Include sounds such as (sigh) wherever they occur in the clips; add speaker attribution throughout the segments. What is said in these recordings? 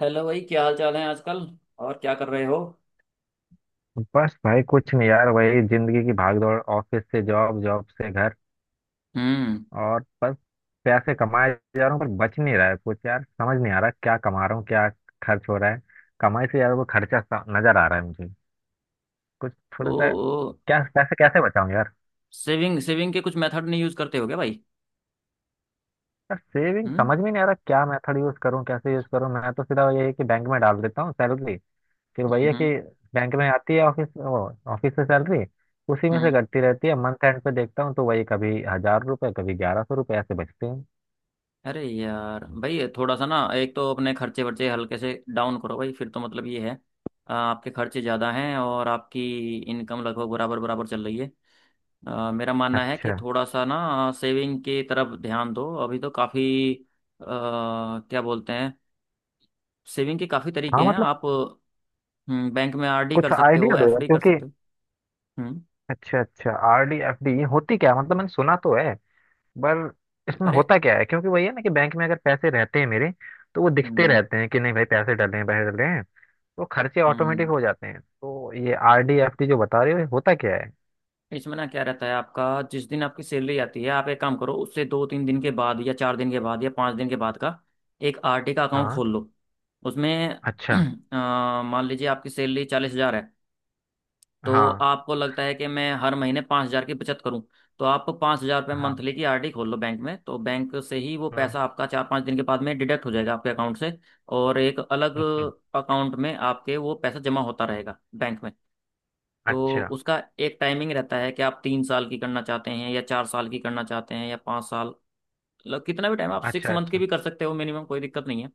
Speaker 1: Hello भाई, क्या हाल चाल है आजकल? और क्या कर रहे हो?
Speaker 2: बस भाई कुछ नहीं यार, वही जिंदगी की भागदौड़। ऑफिस से जॉब, जॉब से घर।
Speaker 1: हम्म।
Speaker 2: और बस पैसे कमाए जा रहा हूँ, पर बच नहीं रहा है कुछ। यार समझ नहीं आ रहा क्या कमा रहा हूँ, क्या खर्च हो रहा है। कमाई से यार वो खर्चा नजर आ रहा है मुझे कुछ, थोड़ा सा।
Speaker 1: ओ।
Speaker 2: क्या पैसे कैसे बचाऊं यार?
Speaker 1: सेविंग सेविंग के कुछ मेथड नहीं यूज करते हो क्या भाई?
Speaker 2: यार सेविंग
Speaker 1: हम्म,
Speaker 2: समझ में नहीं आ रहा, क्या मेथड यूज करूँ, कैसे यूज करूँ। मैं तो सीधा यही है कि बैंक में डाल देता हूँ सैलरी। फिर
Speaker 1: हम्म,
Speaker 2: भैया कि
Speaker 1: हम्म,
Speaker 2: बैंक में आती है ऑफिस, वो ऑफिस से सैलरी। उसी में से
Speaker 1: हम्म।
Speaker 2: कटती रहती है। मंथ एंड पे देखता हूँ तो वही, कभी 1000 रुपए, कभी 1100 रुपए ऐसे बचते हैं।
Speaker 1: अरे यार भाई, थोड़ा सा ना, एक तो अपने खर्चे वर्चे हल्के से डाउन करो भाई, फिर तो मतलब ये है। आपके खर्चे ज़्यादा हैं और आपकी इनकम लगभग बराबर बराबर चल रही है। मेरा मानना है कि
Speaker 2: अच्छा।
Speaker 1: थोड़ा सा ना, सेविंग की तरफ ध्यान दो। अभी तो काफ़ी क्या बोलते हैं, सेविंग के काफ़ी तरीके
Speaker 2: हाँ
Speaker 1: हैं
Speaker 2: मतलब
Speaker 1: आप। हम्म, बैंक में आरडी कर
Speaker 2: कुछ
Speaker 1: सकते हो,
Speaker 2: आइडिया दो यार,
Speaker 1: एफडी कर
Speaker 2: क्योंकि
Speaker 1: सकते हो। हम्म।
Speaker 2: अच्छा अच्छा, आर डी एफ डी होती क्या है? मतलब मैंने सुना तो है, पर इसमें
Speaker 1: अरे,
Speaker 2: होता क्या है? क्योंकि वही है ना कि बैंक में अगर पैसे रहते हैं मेरे तो वो दिखते
Speaker 1: हम्म,
Speaker 2: रहते हैं कि नहीं भाई, पैसे डले हैं पैसे डले हैं, तो खर्चे
Speaker 1: हम्म,
Speaker 2: ऑटोमेटिक हो जाते हैं। तो ये आर डी एफ डी जो बता रहे हो, ये होता क्या है?
Speaker 1: इसमें ना क्या रहता है आपका, जिस दिन आपकी सैलरी आती है, आप एक काम करो, उससे दो तीन दिन के बाद या चार दिन के बाद या पाँच दिन के बाद का एक आरडी का अकाउंट
Speaker 2: हाँ।
Speaker 1: खोल लो। उसमें (clears throat)
Speaker 2: अच्छा।
Speaker 1: मान लीजिए आपकी सैलरी 40 हजार है। तो
Speaker 2: हाँ।
Speaker 1: आपको लगता है कि मैं हर महीने 5 हजार की बचत करूं। तो आप 5 हजार रुपये
Speaker 2: हाँ।
Speaker 1: मंथली की आरडी खोल लो बैंक में, तो बैंक से ही वो
Speaker 2: हम्म।
Speaker 1: पैसा आपका चार पाँच दिन के बाद में डिडक्ट हो जाएगा आपके अकाउंट से। और एक अलग
Speaker 2: हम्म।
Speaker 1: अकाउंट में आपके वो पैसा जमा होता रहेगा बैंक में। तो
Speaker 2: अच्छा
Speaker 1: उसका एक टाइमिंग रहता है कि आप तीन साल की करना चाहते हैं या 4 साल की करना चाहते हैं या 5 साल। मतलब कितना भी टाइम, आप सिक्स
Speaker 2: अच्छा।
Speaker 1: मंथ की
Speaker 2: अच्छा।
Speaker 1: भी कर सकते हो मिनिमम, कोई दिक्कत नहीं है।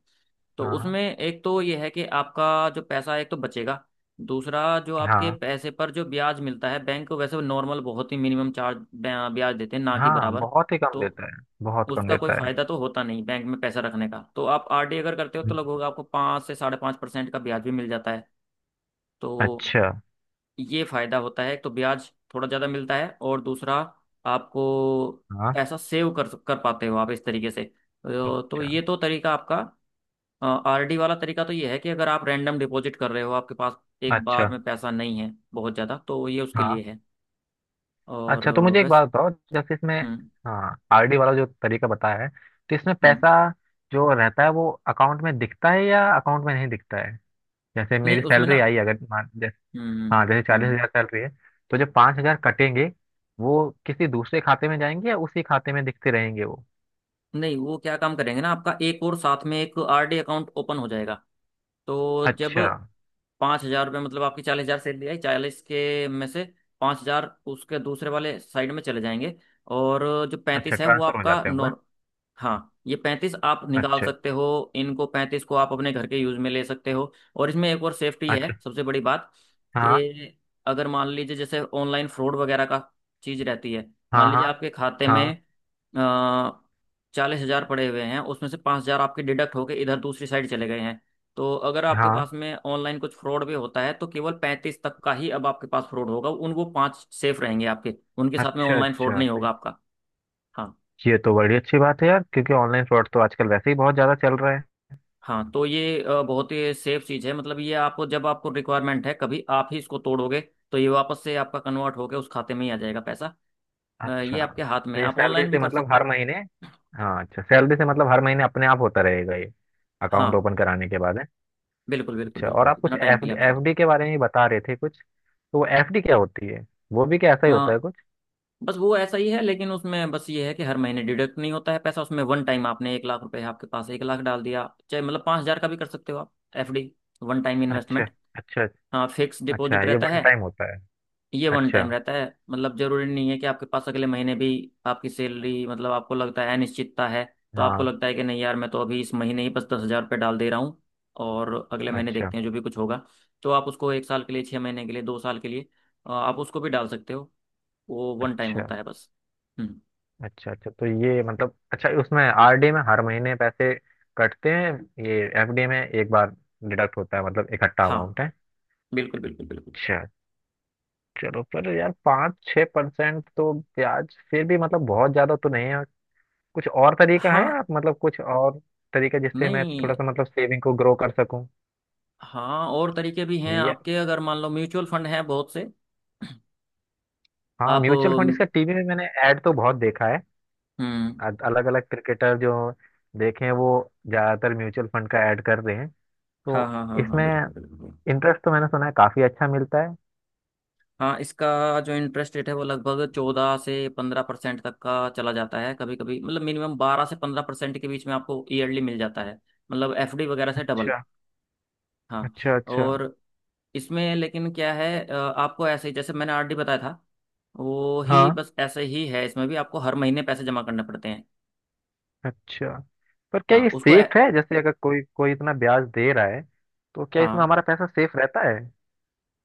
Speaker 1: तो
Speaker 2: हाँ।
Speaker 1: उसमें एक तो ये है कि आपका जो पैसा एक तो बचेगा। दूसरा, जो आपके
Speaker 2: हाँ।
Speaker 1: पैसे पर जो ब्याज मिलता है, बैंक वैसे नॉर्मल बहुत ही मिनिमम चार्ज ब्याज देते हैं, ना कि
Speaker 2: हाँ
Speaker 1: बराबर।
Speaker 2: बहुत ही कम
Speaker 1: तो
Speaker 2: देता है, बहुत कम
Speaker 1: उसका कोई
Speaker 2: देता है।
Speaker 1: फायदा तो होता नहीं बैंक में पैसा रखने का। तो आप आरडी अगर करते हो तो
Speaker 2: हम्म।
Speaker 1: लगभग आपको 5 से 5.5% का ब्याज भी मिल जाता है। तो
Speaker 2: अच्छा।
Speaker 1: ये फायदा होता है, एक तो ब्याज थोड़ा ज़्यादा मिलता है, और दूसरा आपको
Speaker 2: हाँ।
Speaker 1: पैसा सेव कर कर पाते हो आप इस तरीके से। तो
Speaker 2: अच्छा।
Speaker 1: ये तो तरीका आपका, आरडी वाला तरीका, तो ये है कि अगर आप रैंडम डिपॉजिट कर रहे हो, आपके पास एक
Speaker 2: अच्छा।
Speaker 1: बार में पैसा नहीं है बहुत ज़्यादा, तो ये उसके
Speaker 2: हाँ।
Speaker 1: लिए है। और
Speaker 2: अच्छा, तो मुझे एक
Speaker 1: वैसे
Speaker 2: बात बताओ, जैसे इसमें
Speaker 1: हम्म,
Speaker 2: हाँ, आरडी वाला जो तरीका बताया है तो इसमें
Speaker 1: हम्म,
Speaker 2: पैसा जो रहता है वो अकाउंट में दिखता है या अकाउंट में नहीं दिखता है? जैसे मेरी
Speaker 1: नहीं उसमें ना,
Speaker 2: सैलरी आई, अगर मान जैसे
Speaker 1: हम्म,
Speaker 2: हाँ, जैसे चालीस
Speaker 1: हम्म,
Speaker 2: हजार सैलरी है तो जो 5,000 कटेंगे वो किसी दूसरे खाते में जाएंगे या उसी खाते में दिखते रहेंगे वो?
Speaker 1: नहीं, वो क्या काम करेंगे ना, आपका एक और साथ में एक आरडी अकाउंट ओपन हो जाएगा। तो जब
Speaker 2: अच्छा,
Speaker 1: पाँच हजार रुपये, मतलब आपकी 40 हजार सैलरी आई, चालीस के में से 5 हजार उसके दूसरे वाले साइड में चले जाएंगे, और जो
Speaker 2: अच्छा
Speaker 1: 35 है वो
Speaker 2: ट्रांसफर हो
Speaker 1: आपका
Speaker 2: जाते हैं वो।
Speaker 1: नॉर। हाँ, ये 35 आप निकाल
Speaker 2: अच्छा।
Speaker 1: सकते हो, इनको 35 को आप अपने घर के यूज में ले सकते हो, और इसमें एक और सेफ्टी
Speaker 2: अच्छा।
Speaker 1: है सबसे बड़ी बात,
Speaker 2: हाँ।
Speaker 1: कि अगर मान लीजिए जैसे ऑनलाइन फ्रॉड वगैरह का चीज रहती है,
Speaker 2: हाँ।
Speaker 1: मान
Speaker 2: हाँ।
Speaker 1: लीजिए आपके खाते
Speaker 2: हाँ।
Speaker 1: में 40 हजार पड़े हुए हैं, उसमें से 5 हजार आपके डिडक्ट होके इधर दूसरी साइड चले गए हैं, तो अगर आपके
Speaker 2: हाँ।
Speaker 1: पास में ऑनलाइन कुछ फ्रॉड भी होता है तो केवल 35 तक का ही अब आपके पास फ्रॉड होगा, उन वो पांच सेफ रहेंगे आपके, उनके साथ में
Speaker 2: अच्छा
Speaker 1: ऑनलाइन फ्रॉड
Speaker 2: अच्छा,
Speaker 1: नहीं होगा आपका। हाँ,
Speaker 2: ये तो बड़ी अच्छी बात है यार, क्योंकि ऑनलाइन फ्रॉड तो आजकल वैसे ही बहुत ज्यादा चल रहा है।
Speaker 1: हाँ, तो ये बहुत ही सेफ चीज़ है, मतलब ये आपको, जब आपको रिक्वायरमेंट है कभी, आप ही इसको तोड़ोगे, तो ये वापस से आपका कन्वर्ट होकर उस खाते में ही आ जाएगा पैसा।
Speaker 2: अच्छा।
Speaker 1: ये आपके हाथ में
Speaker 2: तो
Speaker 1: है,
Speaker 2: ये
Speaker 1: आप
Speaker 2: सैलरी
Speaker 1: ऑनलाइन भी
Speaker 2: से
Speaker 1: कर
Speaker 2: मतलब
Speaker 1: सकते
Speaker 2: हर
Speaker 1: हो।
Speaker 2: महीने हाँ, अच्छा सैलरी से मतलब हर महीने अपने आप होता रहेगा ये,
Speaker 1: हाँ,
Speaker 2: अकाउंट ओपन कराने के बाद है?
Speaker 1: बिल्कुल बिल्कुल
Speaker 2: अच्छा, और
Speaker 1: बिल्कुल,
Speaker 2: आप कुछ
Speaker 1: इतना टाइम
Speaker 2: एफ
Speaker 1: के लिए आप।
Speaker 2: एफडी के बारे में बता रहे थे कुछ, तो वो एफडी क्या होती है? वो भी क्या ऐसा ही होता
Speaker 1: सर,
Speaker 2: है कुछ?
Speaker 1: बस वो ऐसा ही है, लेकिन उसमें बस ये है कि हर महीने डिडक्ट नहीं होता है पैसा, उसमें वन टाइम, आपने 1 लाख रुपए, आपके पास 1 लाख डाल दिया, चाहे मतलब 5 हजार का भी कर सकते हो आप एफडी, वन टाइम
Speaker 2: अच्छा।
Speaker 1: इन्वेस्टमेंट।
Speaker 2: अच्छा।
Speaker 1: हाँ, फिक्स
Speaker 2: अच्छा
Speaker 1: डिपॉजिट
Speaker 2: ये
Speaker 1: रहता
Speaker 2: वन
Speaker 1: है।
Speaker 2: टाइम होता है।
Speaker 1: ये वन
Speaker 2: अच्छा।
Speaker 1: टाइम रहता है, मतलब जरूरी नहीं है कि आपके पास अगले महीने भी आपकी सैलरी, मतलब आपको लगता है अनिश्चितता है, तो आपको
Speaker 2: हाँ।
Speaker 1: लगता है कि नहीं यार, मैं तो अभी इस महीने ही बस 10 हजार रुपये डाल दे रहा हूँ, और अगले महीने
Speaker 2: अच्छा।
Speaker 1: देखते हैं जो भी कुछ होगा। तो आप उसको एक साल के लिए, 6 महीने के लिए, 2 साल के लिए, आप उसको भी डाल सकते हो। वो वन टाइम
Speaker 2: अच्छा।
Speaker 1: होता है बस। हम्म।
Speaker 2: अच्छा। अच्छा तो ये मतलब, अच्छा उसमें आरडी में हर महीने पैसे कटते हैं, ये एफडी में एक बार डिडक्ट होता है, मतलब इकट्ठा
Speaker 1: हाँ,
Speaker 2: अमाउंट है।
Speaker 1: बिल्कुल बिल्कुल बिल्कुल।
Speaker 2: अच्छा। चलो पर यार 5-6% तो ब्याज, फिर भी मतलब बहुत ज़्यादा तो नहीं है। कुछ और तरीका है
Speaker 1: हाँ,
Speaker 2: आप मतलब, कुछ और तरीका जिससे मैं
Speaker 1: नहीं,
Speaker 2: थोड़ा सा मतलब सेविंग को ग्रो कर सकूं?
Speaker 1: हाँ, और तरीके भी हैं
Speaker 2: जी।
Speaker 1: आपके, अगर मान लो म्यूचुअल फंड हैं बहुत से।
Speaker 2: हाँ
Speaker 1: आप,
Speaker 2: म्यूचुअल फंड, इसका टीवी में मैंने ऐड तो बहुत देखा है।
Speaker 1: हम्म,
Speaker 2: अलग अलग क्रिकेटर जो देखे हैं वो ज़्यादातर म्यूचुअल फंड का ऐड कर रहे हैं। तो
Speaker 1: हाँ हाँ हाँ हाँ,
Speaker 2: इसमें
Speaker 1: बिल्कुल बिल्कुल।
Speaker 2: इंटरेस्ट तो मैंने सुना है काफी अच्छा मिलता है।
Speaker 1: हाँ, इसका जो इंटरेस्ट रेट है वो लगभग 14 से 15% तक का चला जाता है कभी कभी, मतलब मिनिमम 12 से 15% के बीच में आपको ईयरली मिल जाता है। मतलब एफडी वगैरह से डबल।
Speaker 2: अच्छा।
Speaker 1: हाँ।
Speaker 2: अच्छा। अच्छा।
Speaker 1: और इसमें लेकिन क्या है, आपको ऐसे ही, जैसे मैंने आरडी बताया था, वो ही
Speaker 2: हाँ।
Speaker 1: बस ऐसे ही है, इसमें भी आपको हर महीने पैसे जमा करने पड़ते हैं।
Speaker 2: अच्छा, पर क्या
Speaker 1: हाँ,
Speaker 2: ये
Speaker 1: उसको
Speaker 2: सेफ है? जैसे अगर कोई कोई इतना ब्याज दे रहा है तो क्या इसमें
Speaker 1: हाँ,
Speaker 2: हमारा पैसा सेफ रहता है?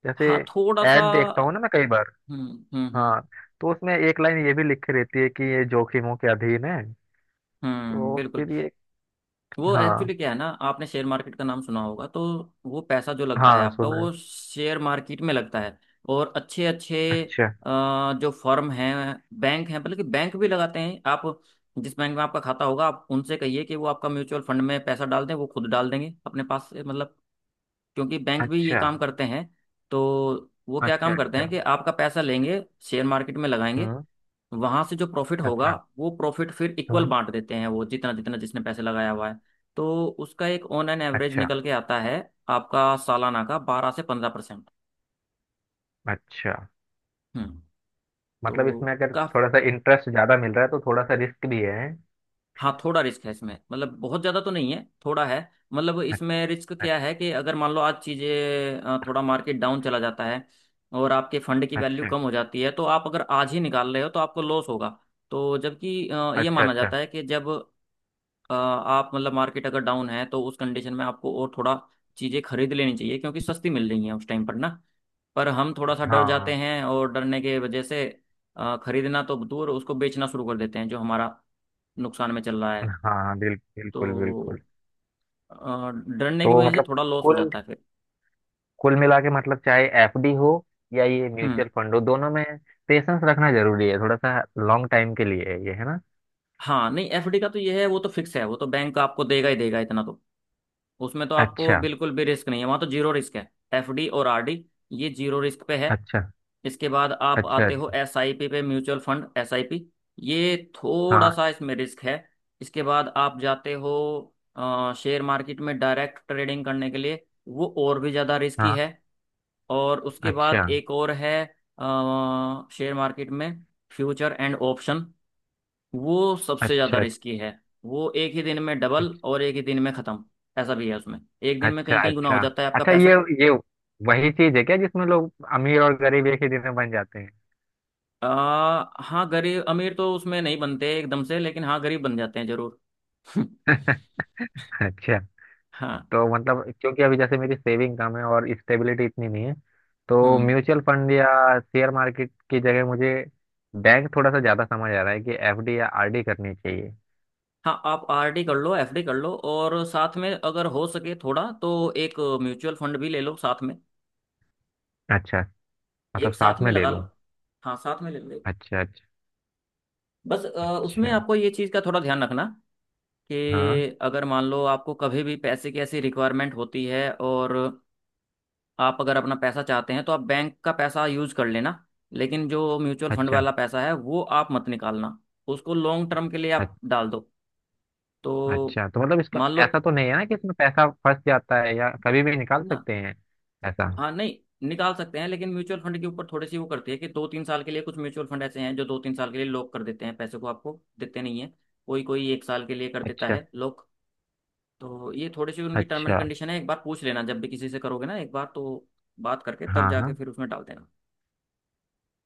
Speaker 2: जैसे
Speaker 1: हाँ, थोड़ा सा।
Speaker 2: एड देखता हूँ ना मैं कई बार
Speaker 1: हम्म, हम्म, हम्म,
Speaker 2: हाँ, तो उसमें एक लाइन ये भी लिखी रहती है कि ये जोखिमों के अधीन है,
Speaker 1: हम्म,
Speaker 2: तो
Speaker 1: बिल्कुल।
Speaker 2: फिर ये
Speaker 1: वो
Speaker 2: हाँ,
Speaker 1: एक्चुअली क्या है ना, आपने शेयर मार्केट का नाम सुना होगा, तो वो पैसा जो लगता है
Speaker 2: हाँ
Speaker 1: आपका,
Speaker 2: सुना है।
Speaker 1: वो शेयर मार्केट में लगता है। और अच्छे अच्छे
Speaker 2: अच्छा।
Speaker 1: जो फर्म हैं, बैंक हैं, बल्कि बैंक भी लगाते हैं। आप जिस बैंक में आपका खाता होगा, आप उनसे कहिए कि वो आपका म्यूचुअल फंड में पैसा डाल दें, वो खुद डाल देंगे अपने पास से, मतलब क्योंकि बैंक भी ये
Speaker 2: अच्छा।
Speaker 1: काम करते हैं। तो वो क्या
Speaker 2: अच्छा।
Speaker 1: काम करते
Speaker 2: अच्छा।
Speaker 1: हैं कि आपका पैसा लेंगे, शेयर मार्केट में लगाएंगे,
Speaker 2: हम्म।
Speaker 1: वहां से जो प्रॉफिट होगा
Speaker 2: अच्छा।
Speaker 1: वो प्रॉफिट फिर इक्वल
Speaker 2: हम्म।
Speaker 1: बांट देते हैं वो, जितना जितना जिसने पैसे लगाया हुआ है। तो उसका एक ऑन एन एवरेज
Speaker 2: अच्छा।
Speaker 1: निकल के आता है आपका सालाना का 12 से 15%।
Speaker 2: अच्छा
Speaker 1: हम्म। तो
Speaker 2: मतलब इसमें अगर
Speaker 1: का,
Speaker 2: थोड़ा सा इंटरेस्ट ज्यादा मिल रहा है तो थोड़ा सा रिस्क भी है।
Speaker 1: हाँ, थोड़ा रिस्क है इसमें, मतलब बहुत ज्यादा तो नहीं है, थोड़ा है। मतलब इसमें रिस्क क्या
Speaker 2: अच्छा।
Speaker 1: है कि अगर मान लो आज चीजें थोड़ा मार्केट डाउन चला जाता है, और आपके फंड की वैल्यू
Speaker 2: अच्छा।
Speaker 1: कम हो जाती है, तो आप अगर आज ही निकाल रहे हो तो आपको लॉस होगा। तो जबकि ये
Speaker 2: अच्छा।
Speaker 1: माना
Speaker 2: अच्छा।
Speaker 1: जाता है कि जब आप मतलब मार्केट अगर डाउन है, तो उस कंडीशन में आपको और थोड़ा चीज़ें खरीद लेनी चाहिए क्योंकि सस्ती मिल रही हैं उस टाइम पर ना। पर हम थोड़ा सा डर जाते
Speaker 2: हाँ,
Speaker 1: हैं, और डरने के वजह से खरीदना तो दूर, उसको बेचना शुरू कर देते हैं जो हमारा नुकसान में चल रहा है।
Speaker 2: हाँ बिल्कुल
Speaker 1: तो
Speaker 2: बिल्कुल।
Speaker 1: अ, डरने की
Speaker 2: तो
Speaker 1: वजह से
Speaker 2: मतलब
Speaker 1: थोड़ा लॉस हो
Speaker 2: कुल
Speaker 1: जाता है फिर।
Speaker 2: कुल मिला के मतलब, चाहे एफडी हो या ये
Speaker 1: हम्म।
Speaker 2: म्यूचुअल फंड हो, दोनों में पेशेंस रखना जरूरी है, थोड़ा सा लॉन्ग टाइम के लिए है ये, है ना?
Speaker 1: हाँ नहीं, एफडी का तो ये है, वो तो फिक्स है, वो तो बैंक आपको देगा ही देगा इतना तो। उसमें तो आपको
Speaker 2: अच्छा।
Speaker 1: बिल्कुल भी रिस्क नहीं है, वहाँ तो जीरो रिस्क है। एफडी और आरडी ये जीरो रिस्क पे है।
Speaker 2: अच्छा।
Speaker 1: इसके बाद आप
Speaker 2: अच्छा।
Speaker 1: आते हो
Speaker 2: अच्छा।
Speaker 1: एसआईपी पे, म्यूचुअल फंड एसआईपी, ये थोड़ा
Speaker 2: हाँ।
Speaker 1: सा इसमें रिस्क है। इसके बाद आप जाते हो शेयर मार्केट में डायरेक्ट ट्रेडिंग करने के लिए, वो और भी ज़्यादा रिस्की
Speaker 2: हाँ।
Speaker 1: है। और उसके
Speaker 2: अच्छा।
Speaker 1: बाद एक और है, शेयर मार्केट में फ्यूचर एंड ऑप्शन, वो सबसे ज़्यादा
Speaker 2: अच्छा।
Speaker 1: रिस्की है। वो एक ही दिन में डबल
Speaker 2: अच्छा।
Speaker 1: और एक ही दिन में ख़त्म। ऐसा भी है उसमें, एक दिन में
Speaker 2: अच्छा।
Speaker 1: कहीं कहीं गुना हो
Speaker 2: अच्छा।
Speaker 1: जाता है आपका
Speaker 2: अच्छा
Speaker 1: पैसा।
Speaker 2: ये वही चीज है क्या जिसमें लोग अमीर और गरीब एक ही दिन में बन जाते
Speaker 1: आ, हाँ, गरीब अमीर तो उसमें नहीं बनते एकदम से, लेकिन हाँ, गरीब बन जाते हैं जरूर। (laughs)
Speaker 2: हैं? (laughs) अच्छा।
Speaker 1: हाँ।
Speaker 2: तो मतलब क्योंकि अभी जैसे मेरी सेविंग कम है और स्टेबिलिटी इतनी नहीं है, तो
Speaker 1: हम्म।
Speaker 2: म्यूचुअल फंड या शेयर मार्केट की जगह मुझे बैंक थोड़ा सा ज़्यादा समझ आ रहा है, कि एफडी या आरडी करनी चाहिए।
Speaker 1: हाँ, आप आरडी कर लो, एफडी कर लो, और साथ में अगर हो सके थोड़ा तो एक म्यूचुअल फंड भी ले लो साथ में।
Speaker 2: अच्छा, मतलब
Speaker 1: एक साथ
Speaker 2: साथ
Speaker 1: में
Speaker 2: में ले
Speaker 1: लगा
Speaker 2: लूं?
Speaker 1: लो, हाँ, साथ में ले लो।
Speaker 2: अच्छा। अच्छा।
Speaker 1: बस उसमें
Speaker 2: अच्छा।
Speaker 1: आपको ये चीज़ का थोड़ा ध्यान रखना,
Speaker 2: हाँ।
Speaker 1: कि अगर मान लो आपको कभी भी पैसे की ऐसी रिक्वायरमेंट होती है, और आप अगर अपना पैसा चाहते हैं तो आप बैंक का पैसा यूज कर लेना, लेकिन जो म्यूचुअल फंड
Speaker 2: अच्छा।
Speaker 1: वाला पैसा है वो आप मत निकालना, उसको लॉन्ग टर्म के लिए
Speaker 2: अ-
Speaker 1: आप डाल दो। तो
Speaker 2: अच्छा तो मतलब इसका
Speaker 1: मान लो
Speaker 2: ऐसा तो नहीं है ना कि इसमें पैसा फंस जाता है, या कभी भी निकाल
Speaker 1: ना,
Speaker 2: सकते हैं ऐसा?
Speaker 1: हाँ, नहीं, निकाल सकते हैं, लेकिन म्यूचुअल फंड के ऊपर थोड़ी सी वो करती है कि 2-3 साल के लिए, कुछ म्यूचुअल फंड ऐसे हैं जो 2-3 साल के लिए लॉक कर देते हैं, पैसे को आपको देते नहीं है। कोई कोई एक साल के लिए कर देता
Speaker 2: अच्छा।
Speaker 1: है लॉक। तो ये थोड़ी सी उनकी टर्म एंड
Speaker 2: अच्छा।
Speaker 1: कंडीशन है, एक बार पूछ लेना जब भी किसी से करोगे ना, एक बार तो बात करके तब
Speaker 2: हाँ।
Speaker 1: जाके
Speaker 2: हाँ।
Speaker 1: फिर उसमें डाल देना।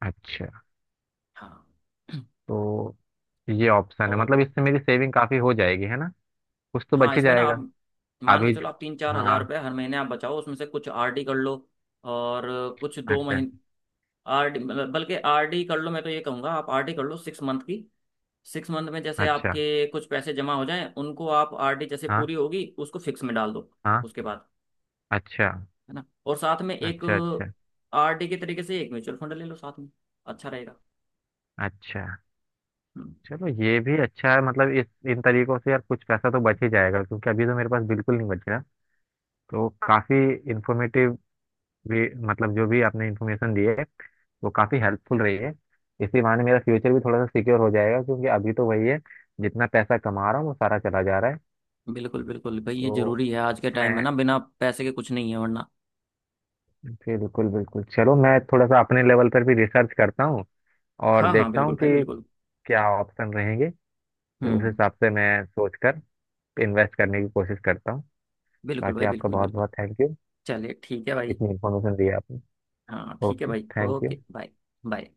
Speaker 2: अच्छा,
Speaker 1: हाँ। (clears throat)
Speaker 2: तो ये ऑप्शन है
Speaker 1: और
Speaker 2: मतलब, इससे
Speaker 1: बताओ।
Speaker 2: मेरी सेविंग काफ़ी हो जाएगी है ना, कुछ तो
Speaker 1: हाँ,
Speaker 2: बच ही
Speaker 1: इसमें ना
Speaker 2: जाएगा।
Speaker 1: आप मान के
Speaker 2: अभी।
Speaker 1: चलो, आप तीन चार हजार
Speaker 2: हाँ।
Speaker 1: रुपये हर महीने आप बचाओ, उसमें से कुछ आरडी कर लो, और कुछ दो
Speaker 2: अच्छा।
Speaker 1: महीने आरडी, बल्कि आरडी कर लो, मैं तो ये कहूँगा, आप आरडी कर लो 6 मंथ की। 6 मंथ में जैसे
Speaker 2: अच्छा।
Speaker 1: आपके कुछ पैसे जमा हो जाएं, उनको आप आरडी जैसे
Speaker 2: हाँ।
Speaker 1: पूरी होगी उसको फिक्स में डाल दो
Speaker 2: हाँ।
Speaker 1: उसके बाद,
Speaker 2: अच्छा।
Speaker 1: है ना? और साथ में एक
Speaker 2: अच्छा। अच्छा।
Speaker 1: आरडी के तरीके से एक म्यूचुअल फंड ले लो साथ में, अच्छा रहेगा।
Speaker 2: अच्छा
Speaker 1: हम्म।
Speaker 2: चलो ये भी अच्छा है मतलब, इस इन तरीकों से यार कुछ पैसा तो बच ही जाएगा, क्योंकि अभी तो मेरे पास बिल्कुल नहीं बच रहा। तो काफ़ी इन्फॉर्मेटिव भी मतलब, जो भी आपने इन्फॉर्मेशन दी है वो काफ़ी हेल्पफुल रही है। इसी बहाने मेरा फ्यूचर भी थोड़ा सा सिक्योर हो जाएगा, क्योंकि अभी तो वही है, जितना पैसा कमा रहा हूँ वो सारा चला जा रहा है।
Speaker 1: बिल्कुल बिल्कुल भाई, ये
Speaker 2: तो
Speaker 1: जरूरी है आज के टाइम में
Speaker 2: मैं
Speaker 1: ना, बिना पैसे के कुछ नहीं है वरना।
Speaker 2: बिल्कुल बिल्कुल, चलो मैं थोड़ा सा अपने लेवल पर भी रिसर्च करता हूँ और
Speaker 1: हाँ हाँ,
Speaker 2: देखता
Speaker 1: बिल्कुल
Speaker 2: हूँ
Speaker 1: भाई,
Speaker 2: कि
Speaker 1: बिल्कुल।
Speaker 2: क्या ऑप्शन रहेंगे, तो उस
Speaker 1: हम्म।
Speaker 2: हिसाब से मैं सोचकर इन्वेस्ट करने की कोशिश करता हूँ।
Speaker 1: बिल्कुल
Speaker 2: बाकी
Speaker 1: भाई,
Speaker 2: आपका
Speaker 1: बिल्कुल
Speaker 2: बहुत
Speaker 1: बिल्कुल।
Speaker 2: बहुत थैंक यू,
Speaker 1: चलिए, ठीक है भाई।
Speaker 2: इतनी इन्फॉर्मेशन दी है आपने।
Speaker 1: हाँ, ठीक है
Speaker 2: ओके
Speaker 1: भाई,
Speaker 2: thank you.
Speaker 1: Okay bye. Bye.